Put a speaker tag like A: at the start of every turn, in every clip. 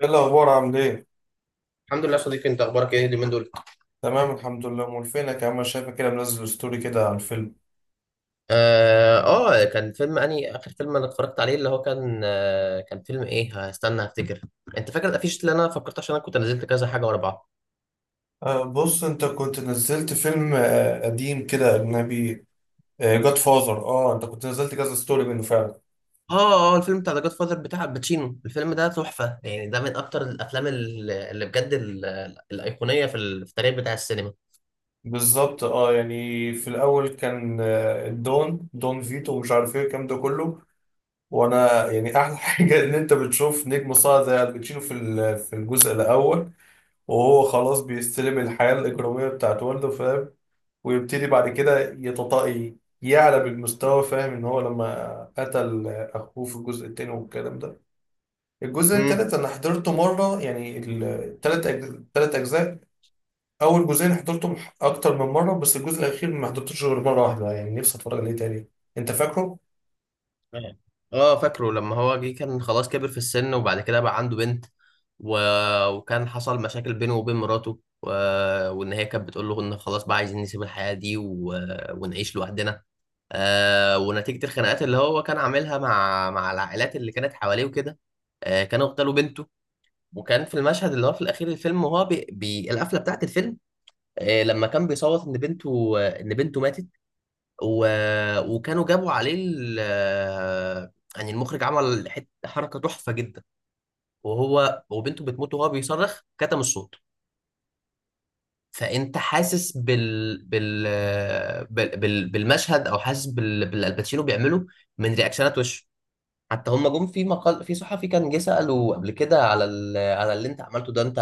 A: ايه الاخبار؟ عامل ايه؟
B: الحمد لله يا صديقي، انت اخبارك ايه اليومين دول؟
A: تمام الحمد لله. امال فينك يا عم؟ أنا شايفك كده منزل ستوري كده على الفيلم.
B: كان فيلم اني اخر فيلم انا اتفرجت عليه اللي هو كان كان فيلم ايه، هستنى هفتكر. انت فاكر الافيش اللي انا فكرت، عشان انا كنت نزلت كذا حاجه ورا بعض؟
A: أه بص، انت كنت نزلت فيلم قديم كده اجنبي. جاد فاذر. اه، انت كنت نزلت كذا ستوري منه فعلا.
B: اه الفيلم بتاع ذا جاد فاذر بتاع الباتشينو، الفيلم ده تحفه، يعني ده من اكتر الافلام اللي بجد الايقونيه في في التاريخ بتاع السينما.
A: بالظبط. اه يعني في الاول كان دون فيتو ومش عارف ايه الكلام ده كله. وانا يعني احلى حاجه ان انت بتشوف نجم صاعد زي الباتشينو في الجزء الاول، وهو خلاص بيستلم الحياه الاجراميه بتاعت والده، فاهم؟ ويبتدي بعد كده يتطاقي، يعلى بالمستوى. فاهم ان هو لما قتل اخوه في الجزء التاني والكلام ده. الجزء التالت انا حضرته مره، يعني التلات اجزاء. اول جزئين حضرتهم اكتر من مره، بس الجزء الاخير ما حضرتوش غير مره واحده. يعني نفسي اتفرج عليه تاني. انت فاكره؟
B: اه. فاكره لما هو جه كان خلاص كبر في السن، وبعد كده بقى عنده بنت، و... وكان حصل مشاكل بينه وبين مراته، وان هي كانت بتقول له ان خلاص بقى عايزين نسيب الحياة دي، ونعيش لوحدنا. ونتيجة الخناقات اللي هو كان عاملها مع العائلات اللي كانت حواليه وكده، كانوا اغتالوا بنته. وكان في المشهد اللي هو في الاخير الفيلم، وهو القفلة بتاعت الفيلم، لما كان بيصوت ان بنته ان بنته ماتت، و... وكانوا جابوا عليه ال... يعني المخرج عمل حته حركه تحفه جدا، وهو وبنته بتموت وهو بيصرخ كتم الصوت، فانت حاسس بالمشهد او حاسس بالالباتشينو بيعمله من رياكشنات وشه. حتى هم جم في مقال في صحفي كان جه سأله قبل كده على اللي انت عملته ده، انت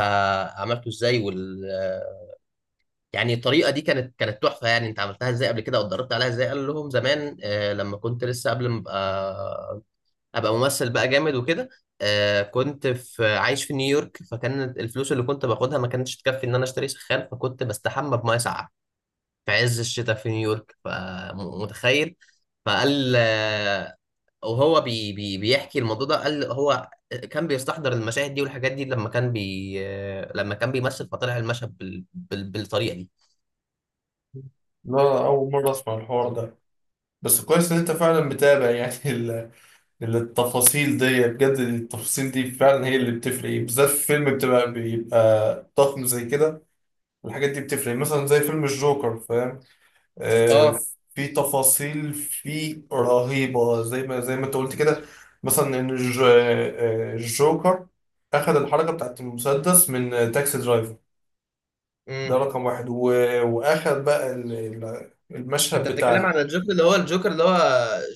B: عملته ازاي، يعني الطريقه دي كانت تحفه، يعني انت عملتها ازاي قبل كده، او اتدربت عليها ازاي؟ قال لهم زمان، لما كنت لسه قبل ما ابقى ممثل بقى جامد وكده، كنت في عايش في نيويورك، فكان الفلوس اللي كنت باخدها ما كانتش تكفي ان انا اشتري سخان، فكنت بستحمى بميه ساقعه في عز الشتاء في نيويورك، فمتخيل. فقال وهو بي بي بيحكي الموضوع ده، قال هو كان بيستحضر المشاهد دي والحاجات دي لما كان بيمثل، فطلع المشهد بالطريقه دي.
A: لا، اول مره اسمع الحوار ده. بس كويس ان انت فعلا متابع يعني التفاصيل دي. بجد التفاصيل دي فعلا هي اللي بتفرق، بالذات في فيلم بيبقى ضخم زي كده. الحاجات دي بتفرق مثلا زي فيلم الجوكر، فاهم؟ آه.
B: اه.
A: في تفاصيل فيه رهيبة زي ما انت قلت كده. مثلا ان الجوكر اخذ الحركة بتاعت المسدس من تاكسي درايفر. ده
B: امم.
A: رقم واحد، واخد بقى المشهد
B: انت
A: بتاع
B: بتتكلم عن الجوكر اللي هو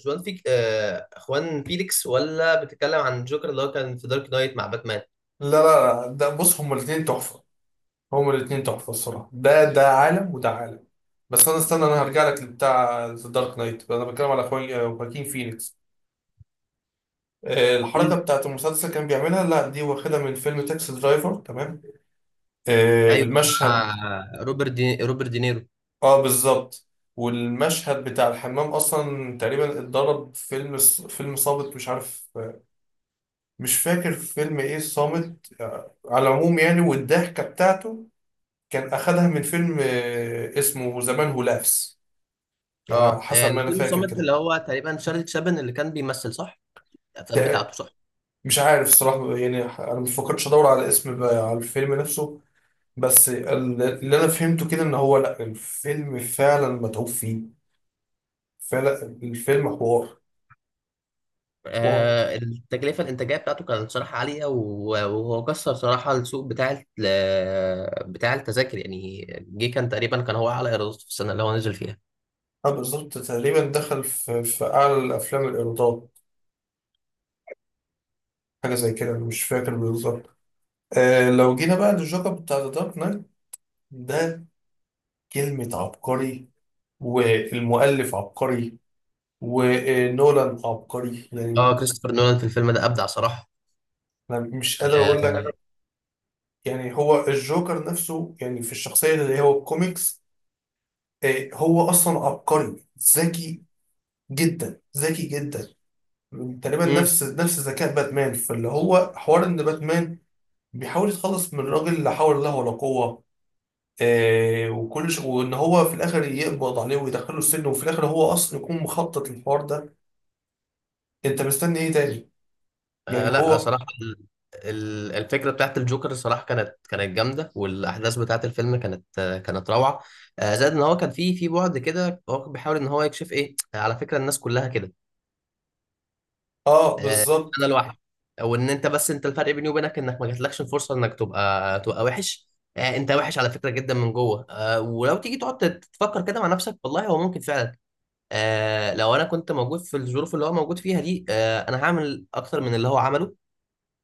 B: جوان فيك، اخوان فيليكس، ولا بتتكلم عن الجوكر اللي هو كان في دارك نايت مع باتمان؟
A: لا، لا، لا، ده بص. هما الاتنين تحفة، هما الاتنين تحفة الصراحة. ده عالم وده عالم. بس انا استنى، انا هرجع لك لبتاع ذا دارك نايت. انا بتكلم على اخوي خواكين فينيكس. الحركة
B: مم.
A: بتاعت المسلسل كان بيعملها، لا دي واخدة من فيلم تاكسي درايفر، تمام؟
B: ايوه،
A: المشهد.
B: بتاع روبرت دينيرو.
A: اه بالظبط. والمشهد بتاع الحمام اصلا تقريبا اتضرب فيلم، فيلم صامت، مش عارف. مش فاكر فيلم ايه صامت. على العموم يعني. والضحكة بتاعته كان اخدها من فيلم اسمه زمان هو لافس، يعني حسب ما
B: اللي
A: انا
B: في
A: فاكر
B: المصمت
A: كده.
B: اللي هو تقريبا شارلي تشابن اللي كان بيمثل، صح؟ الافلام بتاعته،
A: تق-
B: صح.
A: مش عارف الصراحة. يعني انا مفكرتش ادور على اسم بقى على الفيلم نفسه. بس اللي انا فهمته كده، ان هو لا الفيلم فعلا متعوب فيه. فعلا الفيلم حوار. واو.
B: التكلفه الانتاجيه بتاعته كانت صراحه عاليه، وهو كسر صراحه السوق بتاع التذاكر، يعني جه كان تقريبا كان هو اعلى ايرادات في السنه اللي هو نزل فيها.
A: انا بالظبط تقريبا دخل في اعلى الافلام الايرادات، حاجه زي كده. أنا مش فاكر بالظبط. آه، لو جينا بقى للجوكر بتاع ذا دارك نايت ده، كلمه عبقري، والمؤلف عبقري، ونولان عبقري يعني.
B: اه كريستوفر نولان في الفيلم ده ابدع صراحه.
A: انا مش قادر اقول لك.
B: آه.
A: يعني هو الجوكر نفسه، يعني في الشخصيه اللي هو الكوميكس، هو اصلا عبقري. ذكي جدا، ذكي جدا. تقريبا
B: امم.
A: نفس ذكاء باتمان، فاللي هو حوار ان باتمان بيحاول يتخلص من الراجل، لا حول له ولا قوة. وان هو في الاخر يقبض عليه ويدخله السجن، وفي الاخر هو اصلا يكون مخطط للحوار ده. انت مستني ايه تاني؟ يعني
B: لا
A: هو.
B: صراحة الفكرة بتاعت الجوكر صراحة كانت جامدة، والأحداث بتاعت الفيلم كانت كانت روعة. زائد إن هو كان في بعد كده هو كان بيحاول إن هو يكشف إيه، على فكرة الناس كلها كده.
A: اه
B: آه. أنا
A: بالظبط.
B: لوحدي. وإن أنت، بس أنت، الفرق بيني وبينك إنك ما جاتلكش الفرصة إنك تبقى وحش. أنت وحش على فكرة جدا من جوه، ولو تيجي تقعد تفكر كده مع نفسك، والله هو ممكن فعلا. لو أنا كنت موجود في الظروف اللي هو موجود فيها دي، أنا هعمل أكتر من اللي هو عمله.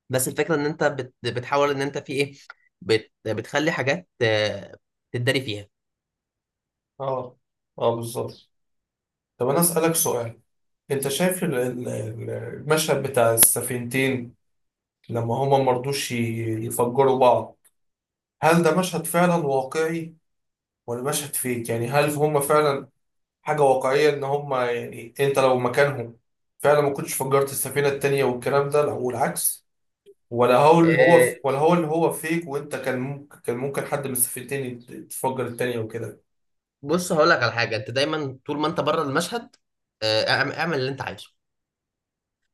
B: بس الفكره ان انت بتحاول ان انت في ايه، بتخلي حاجات تتداري فيها.
A: اه، اه بالظبط. طب انا اسالك سؤال. انت شايف المشهد بتاع السفينتين لما هما مرضوش يفجروا بعض؟ هل ده مشهد فعلا واقعي ولا مشهد فيك؟ يعني هل هم فعلا حاجة واقعية ان هم، يعني انت لو مكانهم فعلا ما كنتش فجرت السفينة التانية والكلام ده، والعكس؟ ولا هو اللي هو،
B: آه،
A: فيك، وانت كان ممكن حد من السفينتين تفجر التانية وكده؟
B: بص هقول لك على حاجه، انت دايما طول ما انت بره المشهد اعمل اللي انت عايزه.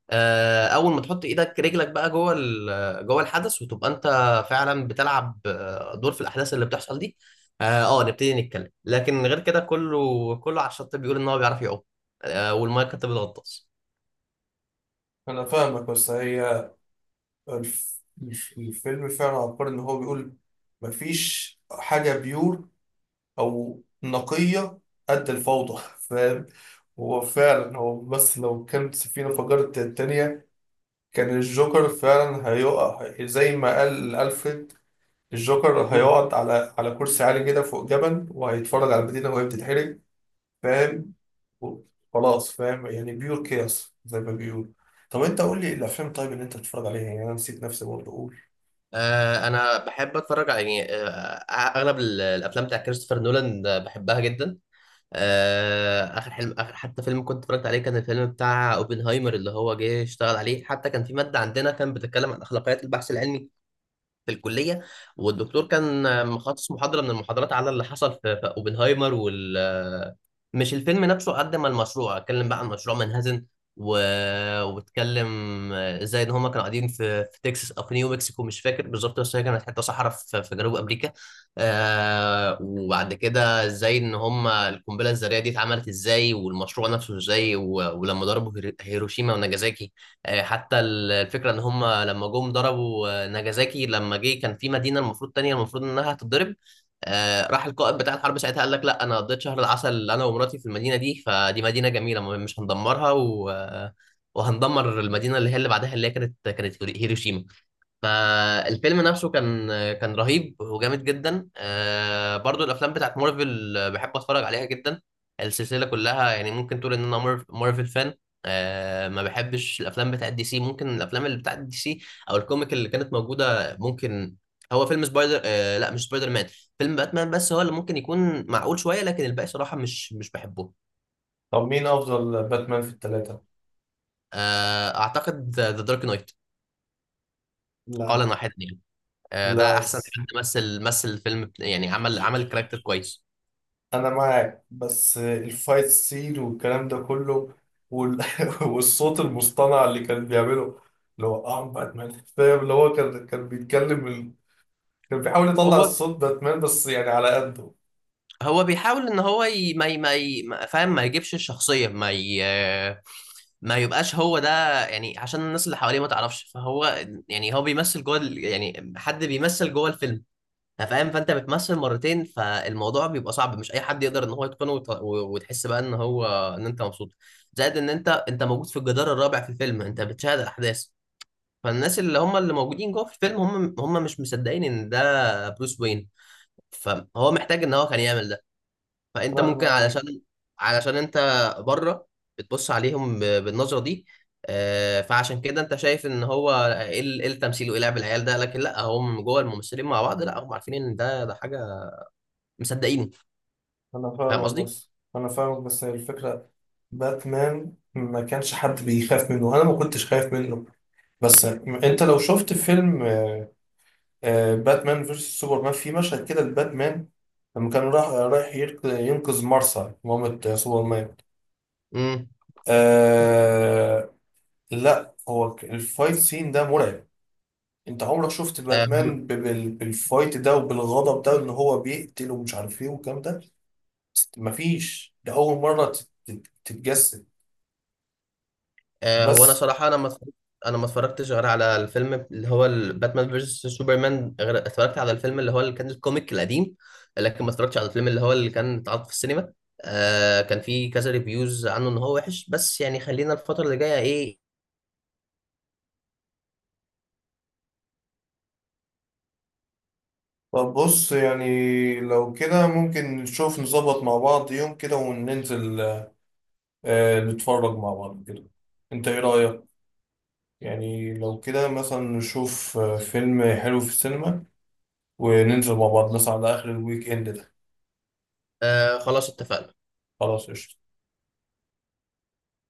B: اول ما تحط ايدك رجلك بقى جوه جوه الحدث، وتبقى انت فعلا بتلعب دور في الاحداث اللي بتحصل دي. اه. نبتدي نتكلم، لكن غير كده كله على الشط بيقول ان هو بيعرف يعوم، والميه كانت بتغطس.
A: انا فاهمك، بس هي الف- الفيلم فعلا عبقري، ان هو بيقول مفيش حاجة بيور او نقية قد الفوضى، فاهم؟ هو فعلا. هو بس لو كانت السفينة فجرت التانية، كان الجوكر فعلا هيقع زي ما قال ألفريد. الجوكر هيقعد على كرسي عالي كده فوق جبل، وهيتفرج على المدينة وهي بتتحرق، فاهم؟ و- خلاص، فاهم؟ يعني بيور كياس زي ما بيقول. طب انت قول لي الافلام، طيب، اللي انت بتتفرج عليها. يعني انا نسيت نفسي برضه اقول.
B: انا بحب اتفرج على، يعني، اغلب الافلام بتاع كريستوفر نولان، بحبها جدا. اخر حتى فيلم كنت اتفرجت عليه كان الفيلم بتاع اوبنهايمر، اللي هو جه اشتغل عليه. حتى كان في ماده عندنا كان بتتكلم عن اخلاقيات البحث العلمي في الكليه، والدكتور كان مخصص محاضره من المحاضرات على اللي حصل في اوبنهايمر مش الفيلم نفسه قد ما المشروع، اتكلم بقى عن مشروع منهزم، و... واتكلم ازاي ان هما كانوا قاعدين في تكساس او في نيو مكسيكو، مش فاكر بالظبط، بس هي كانت حته صحراء في جنوب امريكا. وبعد كده ازاي ان هما القنبله الذريه دي اتعملت ازاي والمشروع نفسه ازاي، ولما ضربوا هيروشيما وناجازاكي. حتى الفكرة ان هم لما جم ضربوا ناجازاكي، لما جه كان في مدينة المفروض تانية المفروض انها هتتضرب، راح القائد بتاع الحرب ساعتها قال لك لا، انا قضيت شهر العسل انا ومراتي في المدينة دي، فدي مدينة جميلة مش هندمرها، و... آه، وهندمر المدينة اللي هي اللي بعدها، اللي هي كانت هيروشيما. فالفيلم نفسه كان رهيب وجامد جدا. برضو الافلام بتاعت مارفل بحب اتفرج عليها جدا، السلسله كلها، يعني ممكن تقول ان انا مارفل فان. ما بحبش الافلام بتاعت دي سي، ممكن الافلام اللي بتاعت دي سي او الكوميك اللي كانت موجوده، ممكن هو فيلم سبايدر آه، لا، مش سبايدر مان، فيلم باتمان، بس هو اللي ممكن يكون معقول شويه، لكن الباقي صراحه مش بحبه.
A: طب مين افضل باتمان في الثلاثة؟
B: اعتقد ذا دارك نايت قال
A: لا،
B: واحد. ده
A: لا،
B: احسن حد مثل الفيلم يعني عمل الكاركتر كويس.
A: انا معاك. بس الفايت سين والكلام ده كله، وال... والصوت المصطنع اللي كان بيعمله، اللي هو ام باتمان. فاهم، اللي هو كان بيتكلم كان بيحاول
B: هو
A: يطلع الصوت باتمان، بس يعني على قده.
B: هو بيحاول ان هو ي... ما ي... ما ي... ما- فاهم، ما يجيبش الشخصيه، ما يبقاش هو ده، يعني عشان الناس اللي حواليه ما تعرفش، فهو يعني هو بيمثل جوه يعني حد بيمثل جوه الفيلم، فاهم، فانت بتمثل مرتين، فالموضوع بيبقى صعب، مش اي حد يقدر ان هو يتقنه وتحس بقى ان هو ان انت مبسوط، زائد ان انت موجود في الجدار الرابع في الفيلم، انت بتشاهد الاحداث، فالناس اللي هم اللي موجودين جوه في الفيلم هم مش مصدقين ان ده بروس وين، فهو محتاج ان هو كان يعمل ده. فانت
A: انا
B: ممكن
A: معاك،
B: علشان انت بره بتبص عليهم بالنظره دي، فعشان كده انت شايف ان هو ايه إيه التمثيل وايه لعب العيال ده، لكن لا، هم جوه الممثلين مع بعض، لا، هم عارفين ان ده حاجه مصدقينه.
A: انا
B: فاهم
A: فاهمك.
B: قصدي؟
A: بس هي الفكره، باتمان ما كانش حد بيخاف منه، انا ما كنتش خايف منه. بس انت لو شفت فيلم باتمان فيرسس سوبرمان، في مشهد كده الباتمان لما كان راح رايح ينقذ مارسا، مامة سوبرمان.
B: امم.
A: آه، لا هو الفايت سين ده مرعب. انت عمرك شفت
B: آه،
A: باتمان بالفايت ده، وبالغضب ده، ان هو بيقتل ومش عارف ايه والكلام ده؟ مفيش، ده اول مرة تتجسد.
B: هو انا
A: بس
B: صراحه، انا ما اتفرجتش غير على الفيلم اللي هو باتمان فيرسس سوبرمان، غير اتفرجت على الفيلم اللي هو اللي كان الكوميك القديم، لكن ما اتفرجتش على الفيلم اللي هو اللي كان اتعرض في السينما. كان في كذا ريفيوز عنه ان هو وحش، بس يعني خلينا الفتره اللي جايه ايه.
A: طب بص يعني، لو كده ممكن نشوف نظبط مع بعض يوم كده وننزل نتفرج مع بعض كده. انت ايه رأيك؟ يعني لو كده مثلا نشوف فيلم حلو في السينما، وننزل مع بعض مثلا على آخر الويك إند ده.
B: خلاص اتفقنا.
A: خلاص قشطة.